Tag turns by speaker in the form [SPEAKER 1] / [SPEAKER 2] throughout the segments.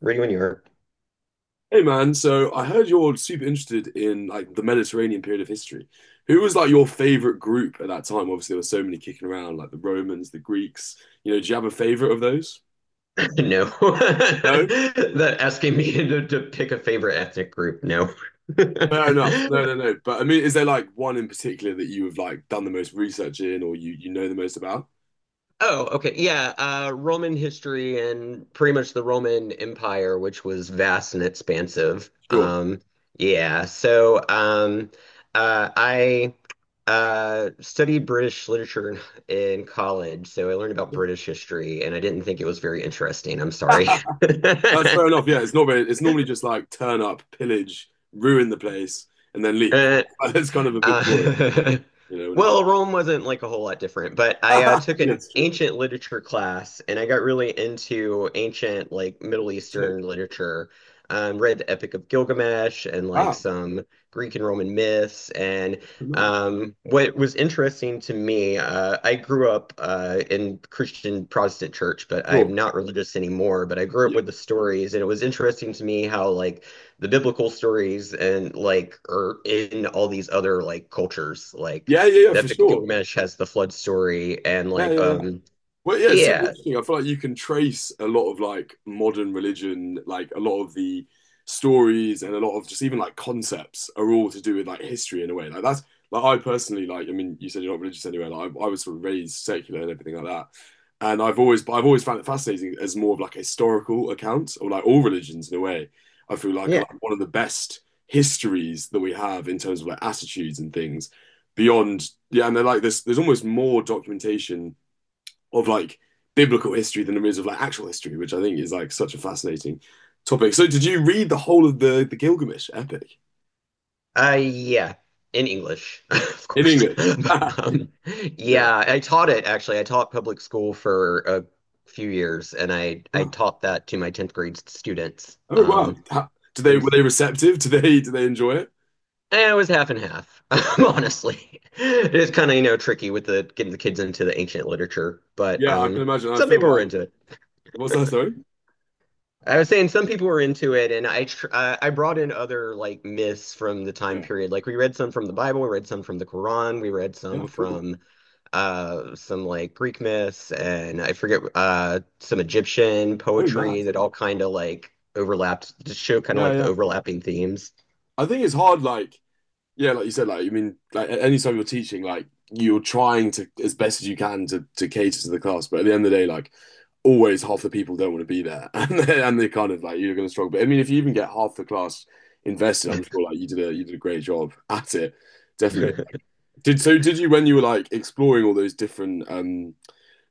[SPEAKER 1] Were you in Europe?
[SPEAKER 2] Hey man, so I heard you're super interested in like the Mediterranean period of history. Who was like your favorite group at that time? Obviously, there were so many kicking around, like the Romans, the Greeks. You know, do you have a favorite of those?
[SPEAKER 1] No.
[SPEAKER 2] No?
[SPEAKER 1] That asking me to pick a favorite ethnic group. No.
[SPEAKER 2] Fair enough. No, no, no. But I mean, is there like one in particular that you have like done the most research in or you know the most about?
[SPEAKER 1] Oh, okay. Yeah. Roman history and pretty much the Roman Empire, which was vast and expansive.
[SPEAKER 2] Sure.
[SPEAKER 1] Yeah. So I Studied British literature in college. So I learned about British history and I didn't think it was very interesting. I'm sorry.
[SPEAKER 2] That's fair enough. Yeah, it's not very, it's normally just like turn up, pillage, ruin the place, and then leave.
[SPEAKER 1] Uh,
[SPEAKER 2] That's kind of a bit boring,
[SPEAKER 1] Uh,
[SPEAKER 2] you know, when it goes.
[SPEAKER 1] Rome wasn't like a whole lot different, but I took an
[SPEAKER 2] Yes, true.
[SPEAKER 1] ancient literature class and I got really into ancient, like Middle Eastern
[SPEAKER 2] Sick.
[SPEAKER 1] literature. Read the Epic of Gilgamesh and like
[SPEAKER 2] Wow.
[SPEAKER 1] some Greek and Roman myths. And
[SPEAKER 2] Good man.
[SPEAKER 1] what was interesting to me, I grew up in Christian Protestant church, but
[SPEAKER 2] Sure.
[SPEAKER 1] I'm not religious anymore. But I grew up
[SPEAKER 2] Yeah.
[SPEAKER 1] with the stories, and it was interesting to me how like the biblical stories and like are in all these other like cultures. Like
[SPEAKER 2] Yeah. Yeah. Yeah,
[SPEAKER 1] the
[SPEAKER 2] for
[SPEAKER 1] Epic of
[SPEAKER 2] sure.
[SPEAKER 1] Gilgamesh has the flood story and
[SPEAKER 2] Yeah. Yeah. Yeah. Well, yeah, it's super
[SPEAKER 1] yeah,
[SPEAKER 2] interesting. I feel like you can trace a lot of like modern religion, like a lot of the stories and a lot of just even like concepts are all to do with like history in a way. Like that's like I personally like. I mean, you said you're not religious anyway. Like I was sort of raised secular and everything like that, and I've always but I've always found it fascinating as more of like a historical account or like all religions in a way. I feel like are
[SPEAKER 1] yeah.
[SPEAKER 2] like one of the best histories that we have in terms of like attitudes and things beyond. Yeah, and they're like this. There's almost more documentation of like biblical history than there is of like actual history, which I think is like such a fascinating topic. So did you read the whole of the Gilgamesh epic
[SPEAKER 1] Yeah. In English, of
[SPEAKER 2] in
[SPEAKER 1] course.
[SPEAKER 2] English?
[SPEAKER 1] But,
[SPEAKER 2] Yeah.
[SPEAKER 1] yeah, I taught it actually. I taught public school for a few years and I
[SPEAKER 2] Wow.
[SPEAKER 1] taught that to my 10th grade students.
[SPEAKER 2] Oh wow. How, do
[SPEAKER 1] It
[SPEAKER 2] they were
[SPEAKER 1] was
[SPEAKER 2] they receptive? Do they enjoy it?
[SPEAKER 1] It was half and half,
[SPEAKER 2] Yeah.
[SPEAKER 1] honestly. It is kind of, you know, tricky with the getting the kids into the ancient literature, but
[SPEAKER 2] Yeah, I can imagine. I
[SPEAKER 1] some
[SPEAKER 2] feel
[SPEAKER 1] people were
[SPEAKER 2] like
[SPEAKER 1] into it.
[SPEAKER 2] what's that, sorry?
[SPEAKER 1] I was saying some people were into it, and I brought in other like myths from the time
[SPEAKER 2] Yeah.
[SPEAKER 1] period. Like we read some from the Bible, we read some from the Quran, we read
[SPEAKER 2] Yeah,
[SPEAKER 1] some
[SPEAKER 2] cool.
[SPEAKER 1] from some like Greek myths, and I forget some Egyptian
[SPEAKER 2] Oh
[SPEAKER 1] poetry
[SPEAKER 2] mad.
[SPEAKER 1] that all kind of like overlapped to show kind of
[SPEAKER 2] Yeah,
[SPEAKER 1] like the
[SPEAKER 2] yeah.
[SPEAKER 1] overlapping themes.
[SPEAKER 2] I think it's hard like yeah, like you said, like I mean, like at any time you're teaching, like you're trying to as best as you can to cater to the class, but at the end of the day, like always half the people don't want to be there, and they kind of like you're going to struggle. But I mean, if you even get half the class invested, I'm sure like you did a great job at it, definitely. Did so? Did you when you were like exploring all those different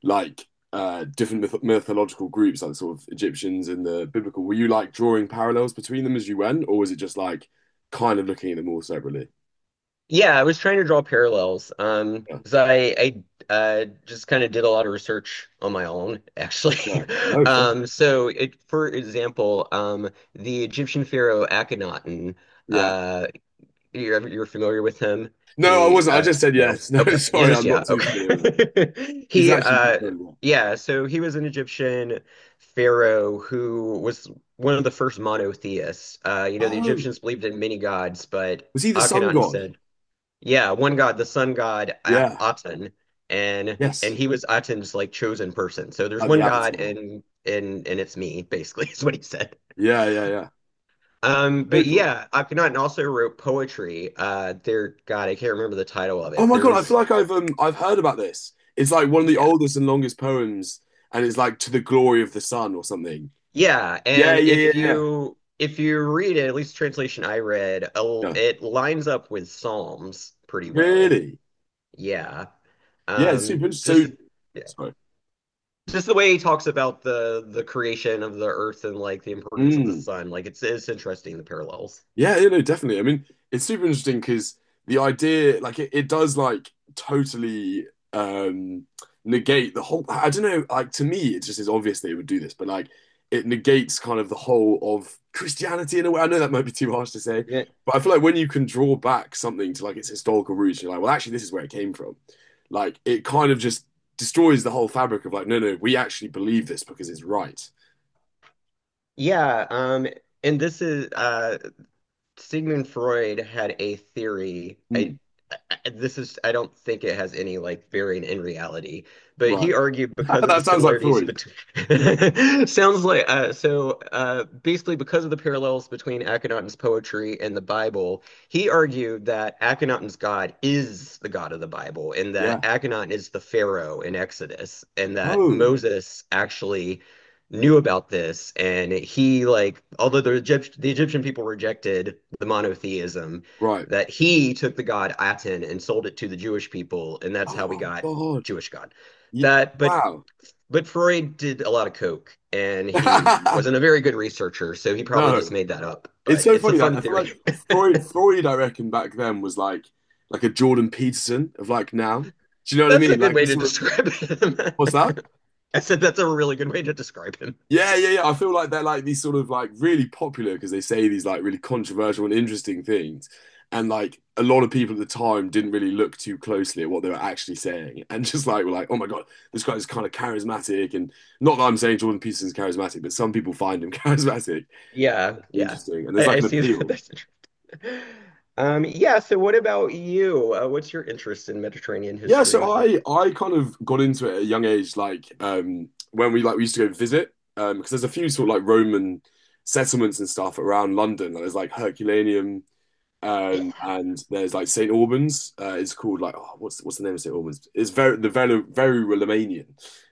[SPEAKER 2] like different mythological groups, like sort of Egyptians and the biblical, were you like drawing parallels between them as you went, or was it just like kind of looking at them all separately?
[SPEAKER 1] Yeah, I was trying to draw parallels. 'Cause I just kind of did a lot of research on my own, actually.
[SPEAKER 2] Yeah. No, fair.
[SPEAKER 1] So it, for example, the Egyptian pharaoh Akhenaten,
[SPEAKER 2] Yeah.
[SPEAKER 1] uh, you're familiar with him?
[SPEAKER 2] No, I
[SPEAKER 1] He
[SPEAKER 2] wasn't. I just said
[SPEAKER 1] No.
[SPEAKER 2] yes. No,
[SPEAKER 1] Okay. You
[SPEAKER 2] sorry,
[SPEAKER 1] just
[SPEAKER 2] I'm not
[SPEAKER 1] yeah,
[SPEAKER 2] too
[SPEAKER 1] okay.
[SPEAKER 2] familiar with it. He's
[SPEAKER 1] He
[SPEAKER 2] actually a good friend. Yeah.
[SPEAKER 1] Yeah, so he was an Egyptian pharaoh who was one of the first monotheists. You know, the
[SPEAKER 2] Oh,
[SPEAKER 1] Egyptians believed in many gods, but
[SPEAKER 2] was he the sun
[SPEAKER 1] Akhenaten
[SPEAKER 2] god?
[SPEAKER 1] said yeah, one god, the sun god At
[SPEAKER 2] Yeah.
[SPEAKER 1] Aten, and and
[SPEAKER 2] Yes.
[SPEAKER 1] he was Aten's like chosen person. So there's
[SPEAKER 2] Like the
[SPEAKER 1] one god,
[SPEAKER 2] Avatar.
[SPEAKER 1] and it's me, basically, is what he said.
[SPEAKER 2] Yeah, yeah, yeah. So
[SPEAKER 1] But
[SPEAKER 2] cool.
[SPEAKER 1] yeah, Akhenaten also wrote poetry. There, God, I can't remember the title of
[SPEAKER 2] Oh
[SPEAKER 1] it.
[SPEAKER 2] my God, I feel
[SPEAKER 1] There's
[SPEAKER 2] like I've heard about this. It's like one of the
[SPEAKER 1] Yeah,
[SPEAKER 2] oldest and longest poems, and it's like to the glory of the sun or something.
[SPEAKER 1] yeah,
[SPEAKER 2] Yeah,
[SPEAKER 1] and
[SPEAKER 2] yeah, yeah,
[SPEAKER 1] if
[SPEAKER 2] yeah.
[SPEAKER 1] you if you read it, at least the translation I read,
[SPEAKER 2] Yeah.
[SPEAKER 1] it lines up with Psalms pretty well.
[SPEAKER 2] Really?
[SPEAKER 1] Yeah,
[SPEAKER 2] Yeah, it's
[SPEAKER 1] um,
[SPEAKER 2] super
[SPEAKER 1] just.
[SPEAKER 2] interesting. So, sorry.
[SPEAKER 1] Just the way he talks about the creation of the earth and like the importance of the
[SPEAKER 2] Mm.
[SPEAKER 1] sun like it's interesting the parallels
[SPEAKER 2] Yeah, you know, definitely. I mean, it's super interesting because the idea, like, it does like totally um negate the whole. I don't know. Like to me, it just is obvious that it would do this, but like, it negates kind of the whole of Christianity in a way. I know that might be too harsh to say,
[SPEAKER 1] yeah,
[SPEAKER 2] but I feel like when you can draw back something to like its historical roots, you're like, well, actually, this is where it came from. Like, it kind of just destroys the whole fabric of like, no, no, we actually believe this because it's right.
[SPEAKER 1] yeah and this is Sigmund Freud had a theory I
[SPEAKER 2] Hmm,
[SPEAKER 1] This is I don't think it has any like bearing in reality, but he
[SPEAKER 2] right.
[SPEAKER 1] argued because of the
[SPEAKER 2] That sounds like
[SPEAKER 1] similarities
[SPEAKER 2] Freud.
[SPEAKER 1] between sounds like basically because of the parallels between Akhenaten's poetry and the Bible, he argued that Akhenaten's God is the God of the Bible, and that
[SPEAKER 2] Yeah.
[SPEAKER 1] Akhenaten is the Pharaoh in Exodus, and that
[SPEAKER 2] Oh,
[SPEAKER 1] Moses actually knew about this, and he like although the Egyptian people rejected the monotheism
[SPEAKER 2] right.
[SPEAKER 1] that he took the god Aten and sold it to the Jewish people, and that's
[SPEAKER 2] Oh
[SPEAKER 1] how we
[SPEAKER 2] my
[SPEAKER 1] got
[SPEAKER 2] God.
[SPEAKER 1] Jewish God.
[SPEAKER 2] Ye-
[SPEAKER 1] That, but
[SPEAKER 2] wow.
[SPEAKER 1] but Freud did a lot of coke, and he wasn't a very good researcher, so he probably just
[SPEAKER 2] No.
[SPEAKER 1] made that up.
[SPEAKER 2] It's
[SPEAKER 1] But
[SPEAKER 2] so
[SPEAKER 1] it's a
[SPEAKER 2] funny that
[SPEAKER 1] fun
[SPEAKER 2] I feel
[SPEAKER 1] theory.
[SPEAKER 2] like Freud, I reckon back then was like a Jordan Peterson of like now. Do you know what I
[SPEAKER 1] That's a
[SPEAKER 2] mean?
[SPEAKER 1] good
[SPEAKER 2] Like a
[SPEAKER 1] way to
[SPEAKER 2] sort of
[SPEAKER 1] describe him.
[SPEAKER 2] what's that?
[SPEAKER 1] I said that's a really good way to describe him.
[SPEAKER 2] Yeah, yeah, yeah. I feel like they're like these sort of like really popular because they say these like really controversial and interesting things. And like a lot of people at the time didn't really look too closely at what they were actually saying and just like were like, oh my God, this guy is kind of charismatic. And not that I'm saying Jordan Peterson's charismatic, but some people find him charismatic
[SPEAKER 1] Yeah,
[SPEAKER 2] and
[SPEAKER 1] yeah,
[SPEAKER 2] interesting. And there's
[SPEAKER 1] I,
[SPEAKER 2] like
[SPEAKER 1] I
[SPEAKER 2] an
[SPEAKER 1] see that.
[SPEAKER 2] appeal.
[SPEAKER 1] That's interesting. Yeah. So, what about you? What's your interest in Mediterranean
[SPEAKER 2] Yeah, so
[SPEAKER 1] history?
[SPEAKER 2] I kind of got into it at a young age, like when we like we used to go visit, because there's a few sort of like Roman settlements and stuff around London. Like there's like Herculaneum.
[SPEAKER 1] Yeah,
[SPEAKER 2] And there's like St. Albans. It's called like oh, what's the name of St. Albans? It's very the very Romanian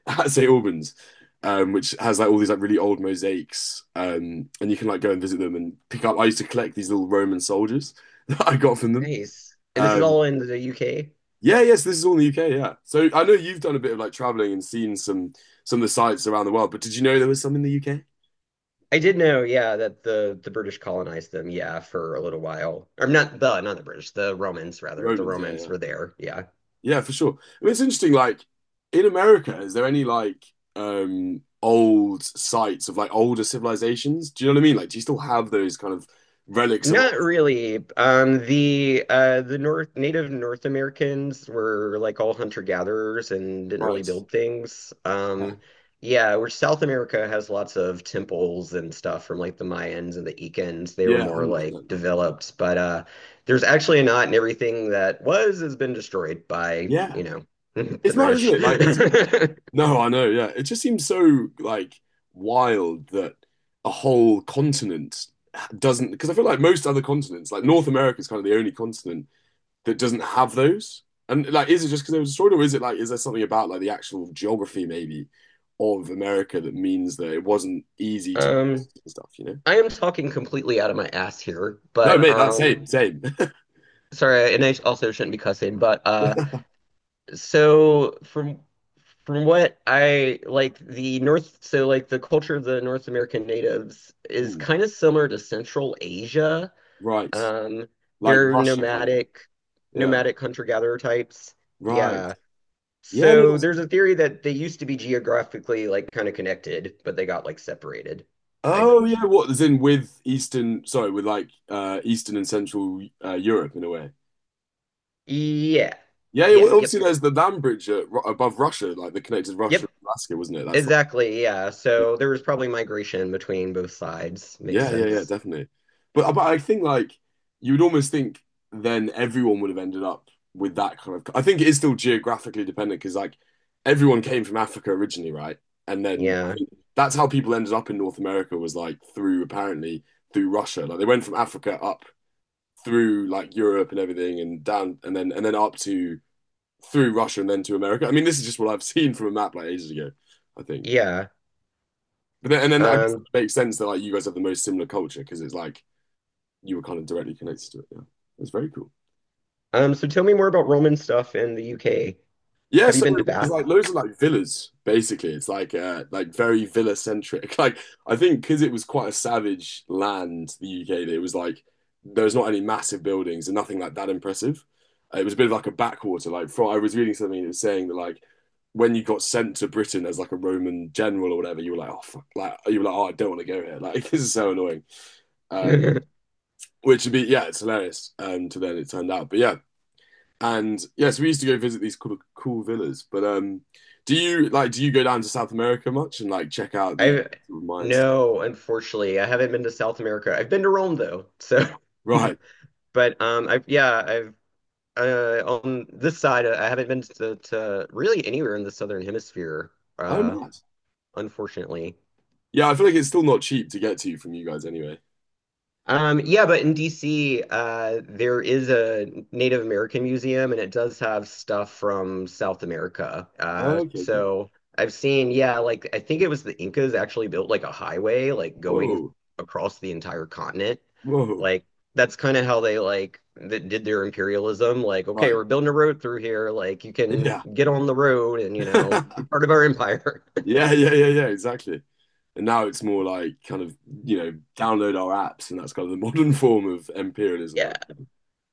[SPEAKER 2] at St. Albans, which has like all these like really old mosaics. And you can like go and visit them and pick up. I used to collect these little Roman soldiers that I got from them.
[SPEAKER 1] nice. And this is
[SPEAKER 2] Um,
[SPEAKER 1] all in the UK.
[SPEAKER 2] yeah, yes, this is all in the UK. Yeah, so I know you've done a bit of like traveling and seen some of the sites around the world. But did you know there was some in the UK?
[SPEAKER 1] I did know, yeah, that the British colonized them, yeah, for a little while. Or not the British, the Romans rather. The
[SPEAKER 2] Romans, yeah,
[SPEAKER 1] Romans
[SPEAKER 2] yeah.
[SPEAKER 1] were there, yeah.
[SPEAKER 2] Yeah, for sure. I mean, it's interesting, like in America, is there any like old sites of like older civilizations? Do you know what I mean? Like, do you still have those kind of relics of
[SPEAKER 1] Not
[SPEAKER 2] old
[SPEAKER 1] really. The North Native North Americans were like all hunter-gatherers and didn't really
[SPEAKER 2] sites?
[SPEAKER 1] build things.
[SPEAKER 2] Yeah.
[SPEAKER 1] Yeah, where South America has lots of temples and stuff from like the Mayans and the Incans. They were
[SPEAKER 2] Yeah,
[SPEAKER 1] more like
[SPEAKER 2] 100%.
[SPEAKER 1] developed, but there's actually not, and everything that was has been destroyed by,
[SPEAKER 2] Yeah.
[SPEAKER 1] you know, the
[SPEAKER 2] It's mad, isn't
[SPEAKER 1] British.
[SPEAKER 2] it? Like it's no, I know, yeah. It just seems so like wild that a whole continent doesn't because I feel like most other continents, like North America is kind of the only continent that doesn't have those? And like, is it just because it was destroyed, or is it like, is there something about like the actual geography maybe of America that means that it wasn't easy to
[SPEAKER 1] Um,
[SPEAKER 2] stuff? You know?
[SPEAKER 1] I am talking completely out of my ass here,
[SPEAKER 2] No,
[SPEAKER 1] but
[SPEAKER 2] mate, that's same, same.
[SPEAKER 1] sorry, and I also shouldn't be cussing, but So from what I like the North, so like the culture of the North American natives is
[SPEAKER 2] Hmm,
[SPEAKER 1] kind of similar to Central Asia.
[SPEAKER 2] right,
[SPEAKER 1] Um,
[SPEAKER 2] like
[SPEAKER 1] they're
[SPEAKER 2] Russia, kind of. Yeah,
[SPEAKER 1] nomadic hunter-gatherer types.
[SPEAKER 2] right.
[SPEAKER 1] Yeah.
[SPEAKER 2] Yeah, no,
[SPEAKER 1] So
[SPEAKER 2] that's.
[SPEAKER 1] there's a theory that they used to be geographically like kind of connected, but they got like separated. I
[SPEAKER 2] Oh yeah, what is in with Eastern? Sorry, with like Eastern and Central Europe in a way.
[SPEAKER 1] Yeah.
[SPEAKER 2] Yeah, yeah. Well,
[SPEAKER 1] Yeah, yep.
[SPEAKER 2] obviously there's the land bridge at, above Russia, like that connected Russia
[SPEAKER 1] Yep.
[SPEAKER 2] and Alaska, wasn't it? That's like,
[SPEAKER 1] Exactly. Yeah.
[SPEAKER 2] yeah.
[SPEAKER 1] So there was probably migration between both sides. Makes
[SPEAKER 2] Yeah, yeah, yeah,
[SPEAKER 1] sense.
[SPEAKER 2] definitely. But I think like you would almost think then everyone would have ended up with that kind of. I think it is still geographically dependent because like everyone came from Africa originally, right? And then I
[SPEAKER 1] Yeah.
[SPEAKER 2] think that's how people ended up in North America was like through apparently through Russia. Like they went from Africa up through like Europe and everything and down and then up to through Russia and then to America. I mean, this is just what I've seen from a map like ages ago, I think.
[SPEAKER 1] Yeah.
[SPEAKER 2] But then and then I guess
[SPEAKER 1] Um,
[SPEAKER 2] it makes sense that like you guys have the most similar culture because it's like you were kind of directly connected to it. Yeah, it's very cool.
[SPEAKER 1] so tell me more about Roman stuff in the UK.
[SPEAKER 2] Yeah,
[SPEAKER 1] Have you
[SPEAKER 2] so
[SPEAKER 1] been to
[SPEAKER 2] there's
[SPEAKER 1] Bath?
[SPEAKER 2] like loads of like villas. Basically, it's like very villa centric. Like I think because it was quite a savage land, the UK. That it was like there's not any massive buildings and nothing like that impressive. It was a bit of like a backwater. Like from, I was reading something that was saying that like when you got sent to Britain as like a Roman general or whatever, you were like, oh fuck, like you were like, oh, I don't want to go here. Like this is so annoying. Um, which would be yeah, it's hilarious. To then it turned out, but yeah, and yeah, so we used to go visit these cool, cool villas. But do you like do you go down to South America much and like check out the
[SPEAKER 1] I've
[SPEAKER 2] sort of mine stuff?
[SPEAKER 1] No, unfortunately, I haven't been to South America. I've been to Rome though. So,
[SPEAKER 2] Right.
[SPEAKER 1] but I've yeah, I've on this side, I haven't been to really anywhere in the Southern Hemisphere.
[SPEAKER 2] Oh,
[SPEAKER 1] Uh,
[SPEAKER 2] mad.
[SPEAKER 1] Unfortunately.
[SPEAKER 2] Yeah, I feel like it's still not cheap to get to from you guys anyway.
[SPEAKER 1] Yeah, but in DC, there is a Native American museum, and it does have stuff from South America.
[SPEAKER 2] Okay, cool.
[SPEAKER 1] So I've seen, yeah, like I think it was the Incas actually built like a highway, like going
[SPEAKER 2] Whoa,
[SPEAKER 1] across the entire continent.
[SPEAKER 2] whoa.
[SPEAKER 1] Like that's kind of how they like that did their imperialism. Like, okay,
[SPEAKER 2] Right.
[SPEAKER 1] we're building a road through here. Like you can
[SPEAKER 2] Yeah.
[SPEAKER 1] get on the road and you know be part of our empire.
[SPEAKER 2] Yeah, yeah, yeah, yeah, exactly. And now it's more like kind of, you know, download our apps, and that's kind of the modern form of imperialism.
[SPEAKER 1] Yeah,
[SPEAKER 2] I-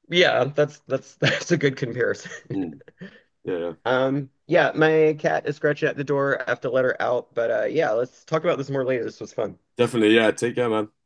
[SPEAKER 1] yeah, that's that's a good comparison.
[SPEAKER 2] Mm, yeah, yeah.
[SPEAKER 1] Yeah, my cat is scratching at the door. I have to let her out. But yeah, let's talk about this more later. This was fun.
[SPEAKER 2] Definitely. Yeah. Take care, man.